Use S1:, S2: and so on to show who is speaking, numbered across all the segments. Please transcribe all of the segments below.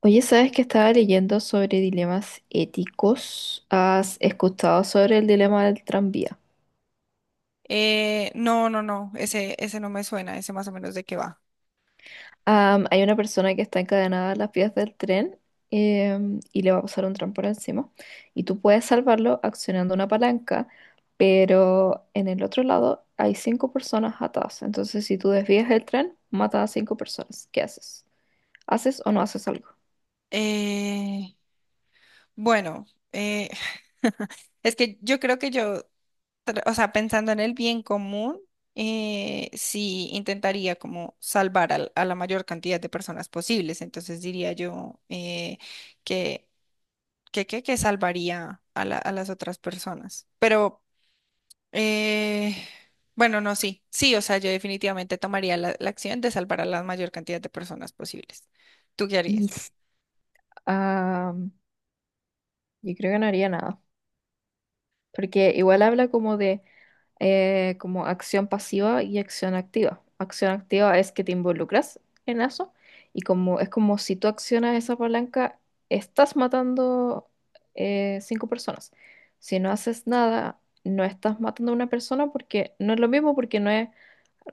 S1: Oye, ¿sabes que estaba leyendo sobre dilemas éticos? ¿Has escuchado sobre el dilema del tranvía?
S2: No, no, no, ese no me suena, ese más o menos de qué va.
S1: Hay una persona que está encadenada a las vías del tren, y le va a pasar un tren por encima. Y tú puedes salvarlo accionando una palanca, pero en el otro lado hay cinco personas atadas. Entonces, si tú desvías el tren, mata a cinco personas. ¿Qué haces? ¿Haces o no haces algo?
S2: Eh, bueno, eh, es que yo creo que o sea, pensando en el bien común, sí intentaría como salvar la mayor cantidad de personas posibles. Entonces diría yo que, que salvaría a las otras personas. Pero. Eh, bueno, no, sí, sí, o sea, yo definitivamente tomaría la acción de salvar a la mayor cantidad de personas posibles. ¿Tú qué
S1: Y
S2: harías?
S1: s- am, yo creo que no haría nada, porque igual habla como de como acción pasiva y acción activa. Acción activa es que te involucras en eso y como es como si tú accionas esa palanca, estás matando cinco personas. Si no haces nada, no estás matando a una persona porque no es lo mismo, porque no es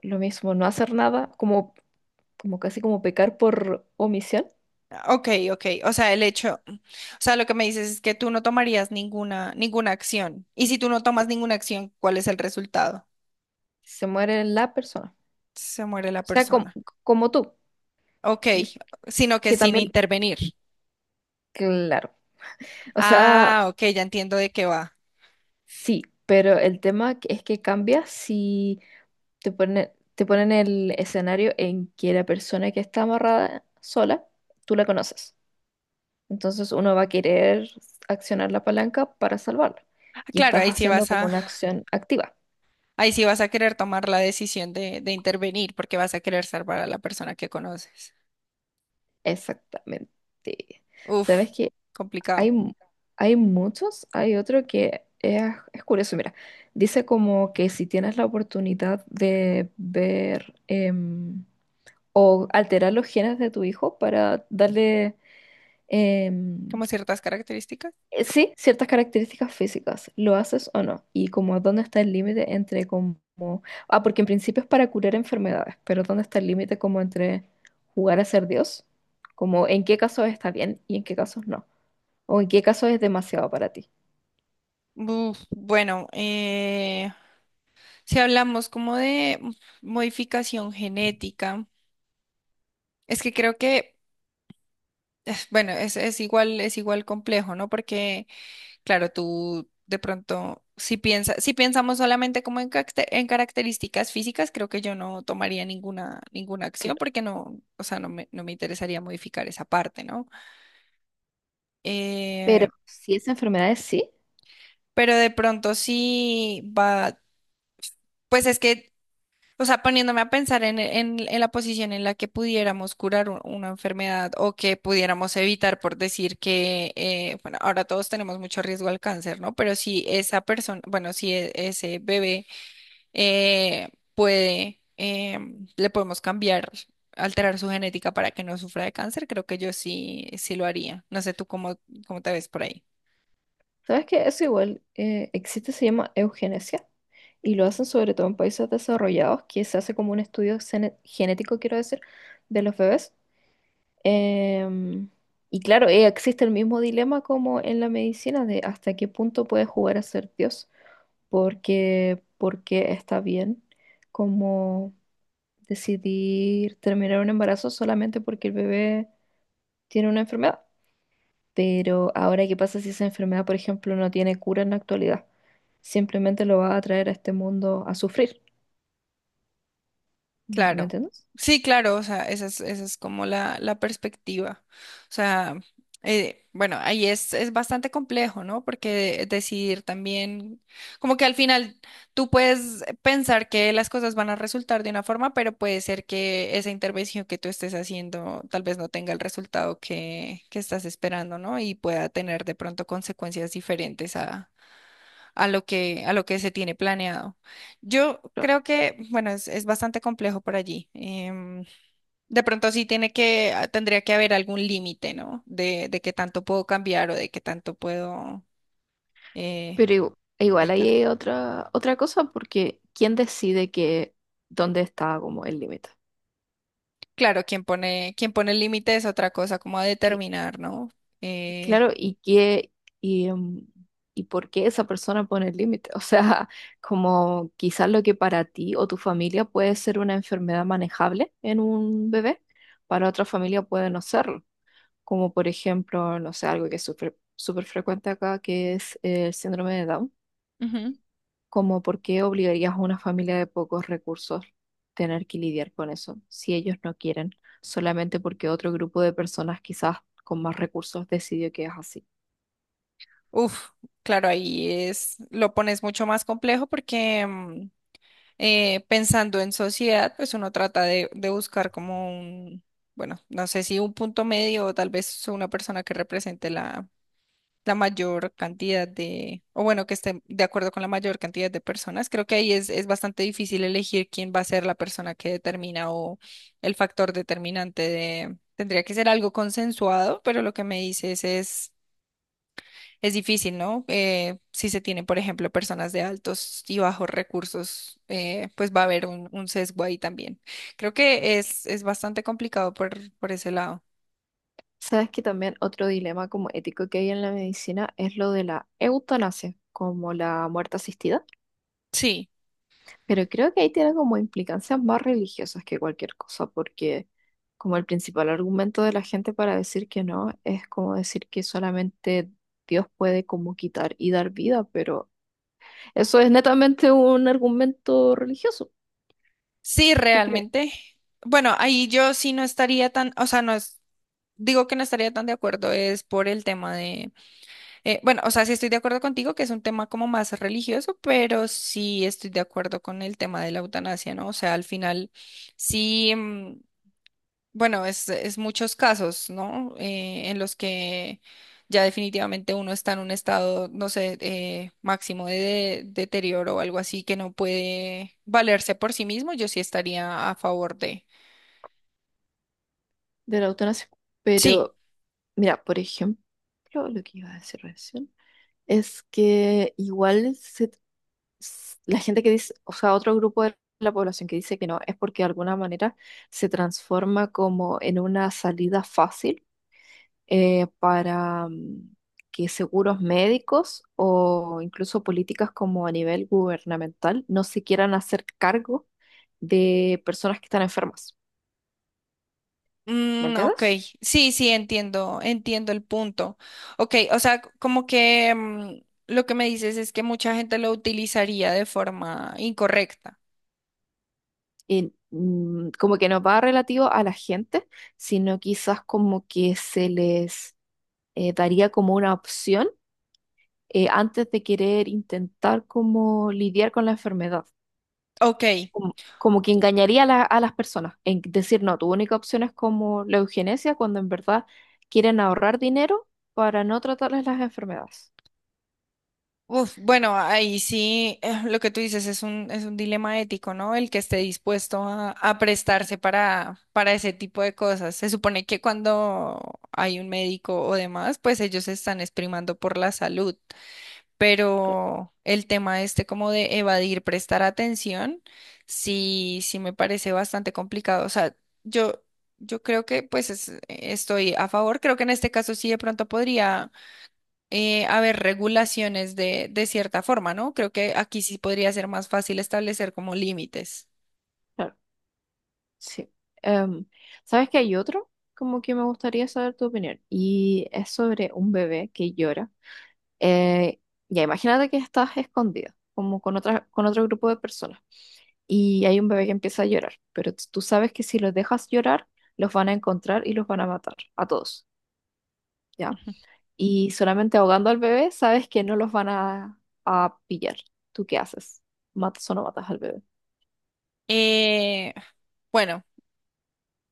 S1: lo mismo no hacer nada, como, como casi como pecar por omisión,
S2: Ah, ok, ok, o sea, lo que me dices es que tú no tomarías ninguna acción. Y si tú no tomas ninguna acción, ¿cuál es el resultado?
S1: se muere la persona.
S2: Se muere la
S1: O sea, como,
S2: persona.
S1: como tú,
S2: Ok, sino que
S1: que
S2: sin
S1: también,
S2: intervenir.
S1: claro. O sea,
S2: Ah, ok, ya entiendo de qué va.
S1: sí, pero es que cambia si te ponen el escenario en que la persona que está amarrada sola, tú la conoces. Entonces uno va a querer accionar la palanca para salvarla.
S2: Ah,
S1: Y
S2: claro,
S1: estás haciendo como una acción activa.
S2: ahí sí vas a querer tomar la decisión de intervenir porque vas a querer salvar a la persona que conoces.
S1: Exactamente.
S2: Uf,
S1: ¿Sabes que Hay,
S2: complicado.
S1: mu- hay muchos, hay otro que es curioso. Mira, dice como que si tienes la oportunidad de ver o alterar los genes de tu hijo para darle, em,
S2: Como ciertas características.
S1: sí, ciertas características físicas. ¿Lo haces o no? Y como dónde está el límite entre como... Ah, porque en principio es para curar enfermedades, pero ¿dónde está el límite como entre jugar a ser Dios? Como en qué casos está bien y en qué casos no. O en qué casos es demasiado para ti.
S2: Uf, bueno, si hablamos como de modificación genética, es que creo que, bueno, es igual complejo, ¿no? Porque, claro, tú de pronto, si pensamos solamente como en características físicas, creo que yo no tomaría ninguna acción porque no, o sea, no me interesaría modificar esa parte, ¿no?
S1: Pero
S2: Eh,
S1: si es enfermedades, sí.
S2: pero de pronto sí va. Pues es que o sea, poniéndome a pensar en, en la posición en la que pudiéramos curar una enfermedad o que pudiéramos evitar, por decir que, bueno, ahora todos tenemos mucho riesgo al cáncer, ¿no? Pero si esa persona, bueno, si ese bebé eh, le podemos cambiar, alterar su genética para que no sufra de cáncer, creo que yo sí, sí lo haría. No sé tú cómo, cómo te ves por ahí.
S1: ¿Sabes qué? Eso igual existe, se llama eugenesia y lo hacen sobre todo en países desarrollados, que se hace como un genético, quiero decir, de los bebés. Em, y claro, existe el mismo dilema como en la medicina de hasta qué punto puede jugar a ser Dios, porque, porque está bien como decidir terminar un embarazo solamente porque el bebé tiene una enfermedad. Pero ahora, ¿qué pasa si esa enfermedad, por ejemplo, no tiene cura en la actualidad? Simplemente lo va a traer a este mundo a sufrir. ¿Me
S2: Claro,
S1: entiendes?
S2: sí, claro, o sea, esa es como la perspectiva. O sea, bueno, ahí es bastante complejo, ¿no? Porque decidir también, como que al final tú puedes pensar que las cosas van a resultar de una forma, pero puede ser que esa intervención que tú estés haciendo tal vez no tenga el resultado que estás esperando, ¿no? Y pueda tener de pronto consecuencias diferentes a lo que se tiene planeado. Yo creo que, bueno, es bastante complejo por allí. De pronto sí tendría que haber algún límite, ¿no? De qué tanto puedo cambiar o de qué tanto puedo eh,
S1: Pero igual ahí
S2: editar.
S1: hay otra, otra cosa, porque ¿quién decide que dónde está como el límite?
S2: Claro, quien pone el límite es otra cosa, como a
S1: Y-
S2: determinar, ¿no? Eh,
S1: Claro, y qué y, y por qué esa persona pone el límite. O sea, como quizás lo que para ti o tu familia puede ser una enfermedad manejable en un bebé, para otra familia puede no serlo. Como por ejemplo, no sé, algo que es súper súper frecuente acá, que es el síndrome de Down,
S2: Ujú.
S1: como por qué obligarías a una familia de pocos recursos tener que lidiar con eso, si ellos no quieren, solamente porque otro grupo de personas quizás con más recursos decidió que es así.
S2: Uf, claro, lo pones mucho más complejo porque pensando en sociedad, pues uno trata de buscar como un, bueno, no sé si un punto medio o tal vez una persona que represente la mayor cantidad de, o bueno, que esté de acuerdo con la mayor cantidad de personas. Creo que ahí es bastante difícil elegir quién va a ser la persona que determina o el factor determinante de. Tendría que ser algo consensuado, pero lo que me dices es difícil, ¿no? Si se tiene, por ejemplo, personas de altos y bajos recursos, pues va a haber un sesgo ahí también. Creo que es bastante complicado por ese lado.
S1: Sabes que también otro dilema como ético que hay en la medicina es lo de la eutanasia, como la muerte asistida.
S2: Sí,
S1: Pero creo que ahí tiene como implicancias más religiosas que cualquier cosa, porque como el principal argumento de la gente para decir que no es como decir que solamente Dios puede como quitar y dar vida, pero eso es netamente un argumento religioso.
S2: sí,
S1: ¿Qué cree
S2: realmente. Bueno, ahí yo sí no estaría tan, o sea, no es, digo que no estaría tan de acuerdo, es por el tema de, bueno, o sea, sí estoy de acuerdo contigo que es un tema como más religioso, pero sí estoy de acuerdo con el tema de la eutanasia, ¿no? O sea, al final, sí. Bueno, es muchos casos, ¿no? En los que ya definitivamente uno está en un estado, no sé, máximo deterioro o algo así que no puede valerse por sí mismo, yo sí estaría a favor de.
S1: de la eutanasia?
S2: Sí.
S1: Pero mira, por ejemplo, lo que iba a decir recién es que igual la gente que dice, o sea, otro grupo de la población que dice que no, es porque de alguna manera se transforma como en una salida fácil para que seguros médicos o incluso políticas como a nivel gubernamental no se quieran hacer cargo de personas que están enfermas. ¿Me
S2: Mm, ok,
S1: entiendes?
S2: sí, sí, entiendo el punto. Ok, o sea, como que lo que me dices es que mucha gente lo utilizaría de forma incorrecta.
S1: Y mm, como que no va relativo a la gente, sino quizás como que se les daría como una opción antes de querer intentar como lidiar con la enfermedad.
S2: Ok.
S1: Como, como que engañaría a, a las personas en decir, no, tu única opción es como la eugenesia cuando en verdad quieren ahorrar dinero para no tratarles las enfermedades.
S2: Uf, bueno, ahí sí, lo que tú dices es es un dilema ético, ¿no? El que esté dispuesto a prestarse para ese tipo de cosas. Se supone que cuando hay un médico o demás, pues ellos se están exprimando por la salud,
S1: Claro,
S2: pero el tema este como de evadir, prestar atención, sí, sí me parece bastante complicado. O sea, yo, yo creo que pues estoy a favor, creo que en este caso sí de pronto podría haber regulaciones de cierta forma, ¿no? Creo que aquí sí podría ser más fácil establecer como límites.
S1: claro, sí. Em, ¿Sabes que hay otro? Como que me gustaría saber tu opinión. Y es sobre un bebé que llora. Eh, ya imagínate que estás escondida, como con otra, con otro grupo de personas, y hay un bebé que empieza a llorar, pero tú sabes que si los dejas llorar, los van a encontrar y los van a matar, a todos, ¿ya? Y solamente ahogando al bebé, sabes que no los van a pillar. ¿Tú qué haces? ¿Matas o no matas al bebé?
S2: Eh, bueno,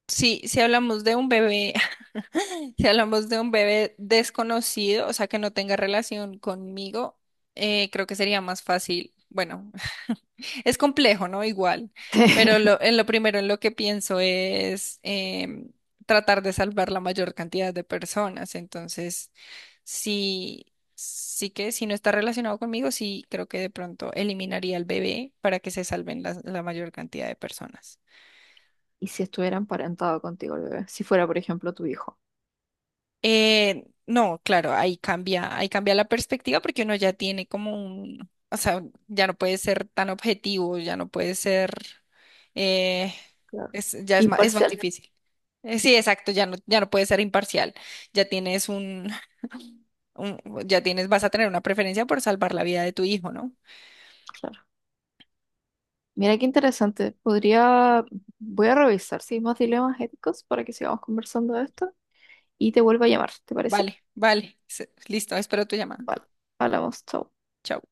S2: sí si hablamos de un bebé si hablamos de un bebé desconocido, o sea, que no tenga relación conmigo, creo que sería más fácil. Bueno, es complejo, ¿no? Igual, pero en lo primero en lo que pienso es tratar de salvar la mayor cantidad de personas. Entonces, sí, sí que si no está relacionado conmigo, sí creo que de pronto eliminaría al bebé para que se salven la mayor cantidad de personas.
S1: ¿Y si estuviera emparentado contigo el bebé? Si fuera, por ejemplo, tu hijo.
S2: No, claro, ahí cambia la perspectiva porque uno ya tiene como un, o sea, ya no puede ser tan objetivo, ya no puede ser, eh,
S1: Claro.
S2: ya es más
S1: Imparcial,
S2: difícil. Sí, exacto, ya no puede ser imparcial, ya tienes un, un- ya tienes, vas a tener una preferencia por salvar la vida de tu hijo, ¿no?
S1: claro. Mira qué interesante. Podría, voy a revisar si hay más dilemas éticos para que sigamos conversando de esto y te vuelvo a llamar, ¿te parece?
S2: Vale, vale, listo, espero tu llamada.
S1: Vale, hablamos, chao.
S2: Chao.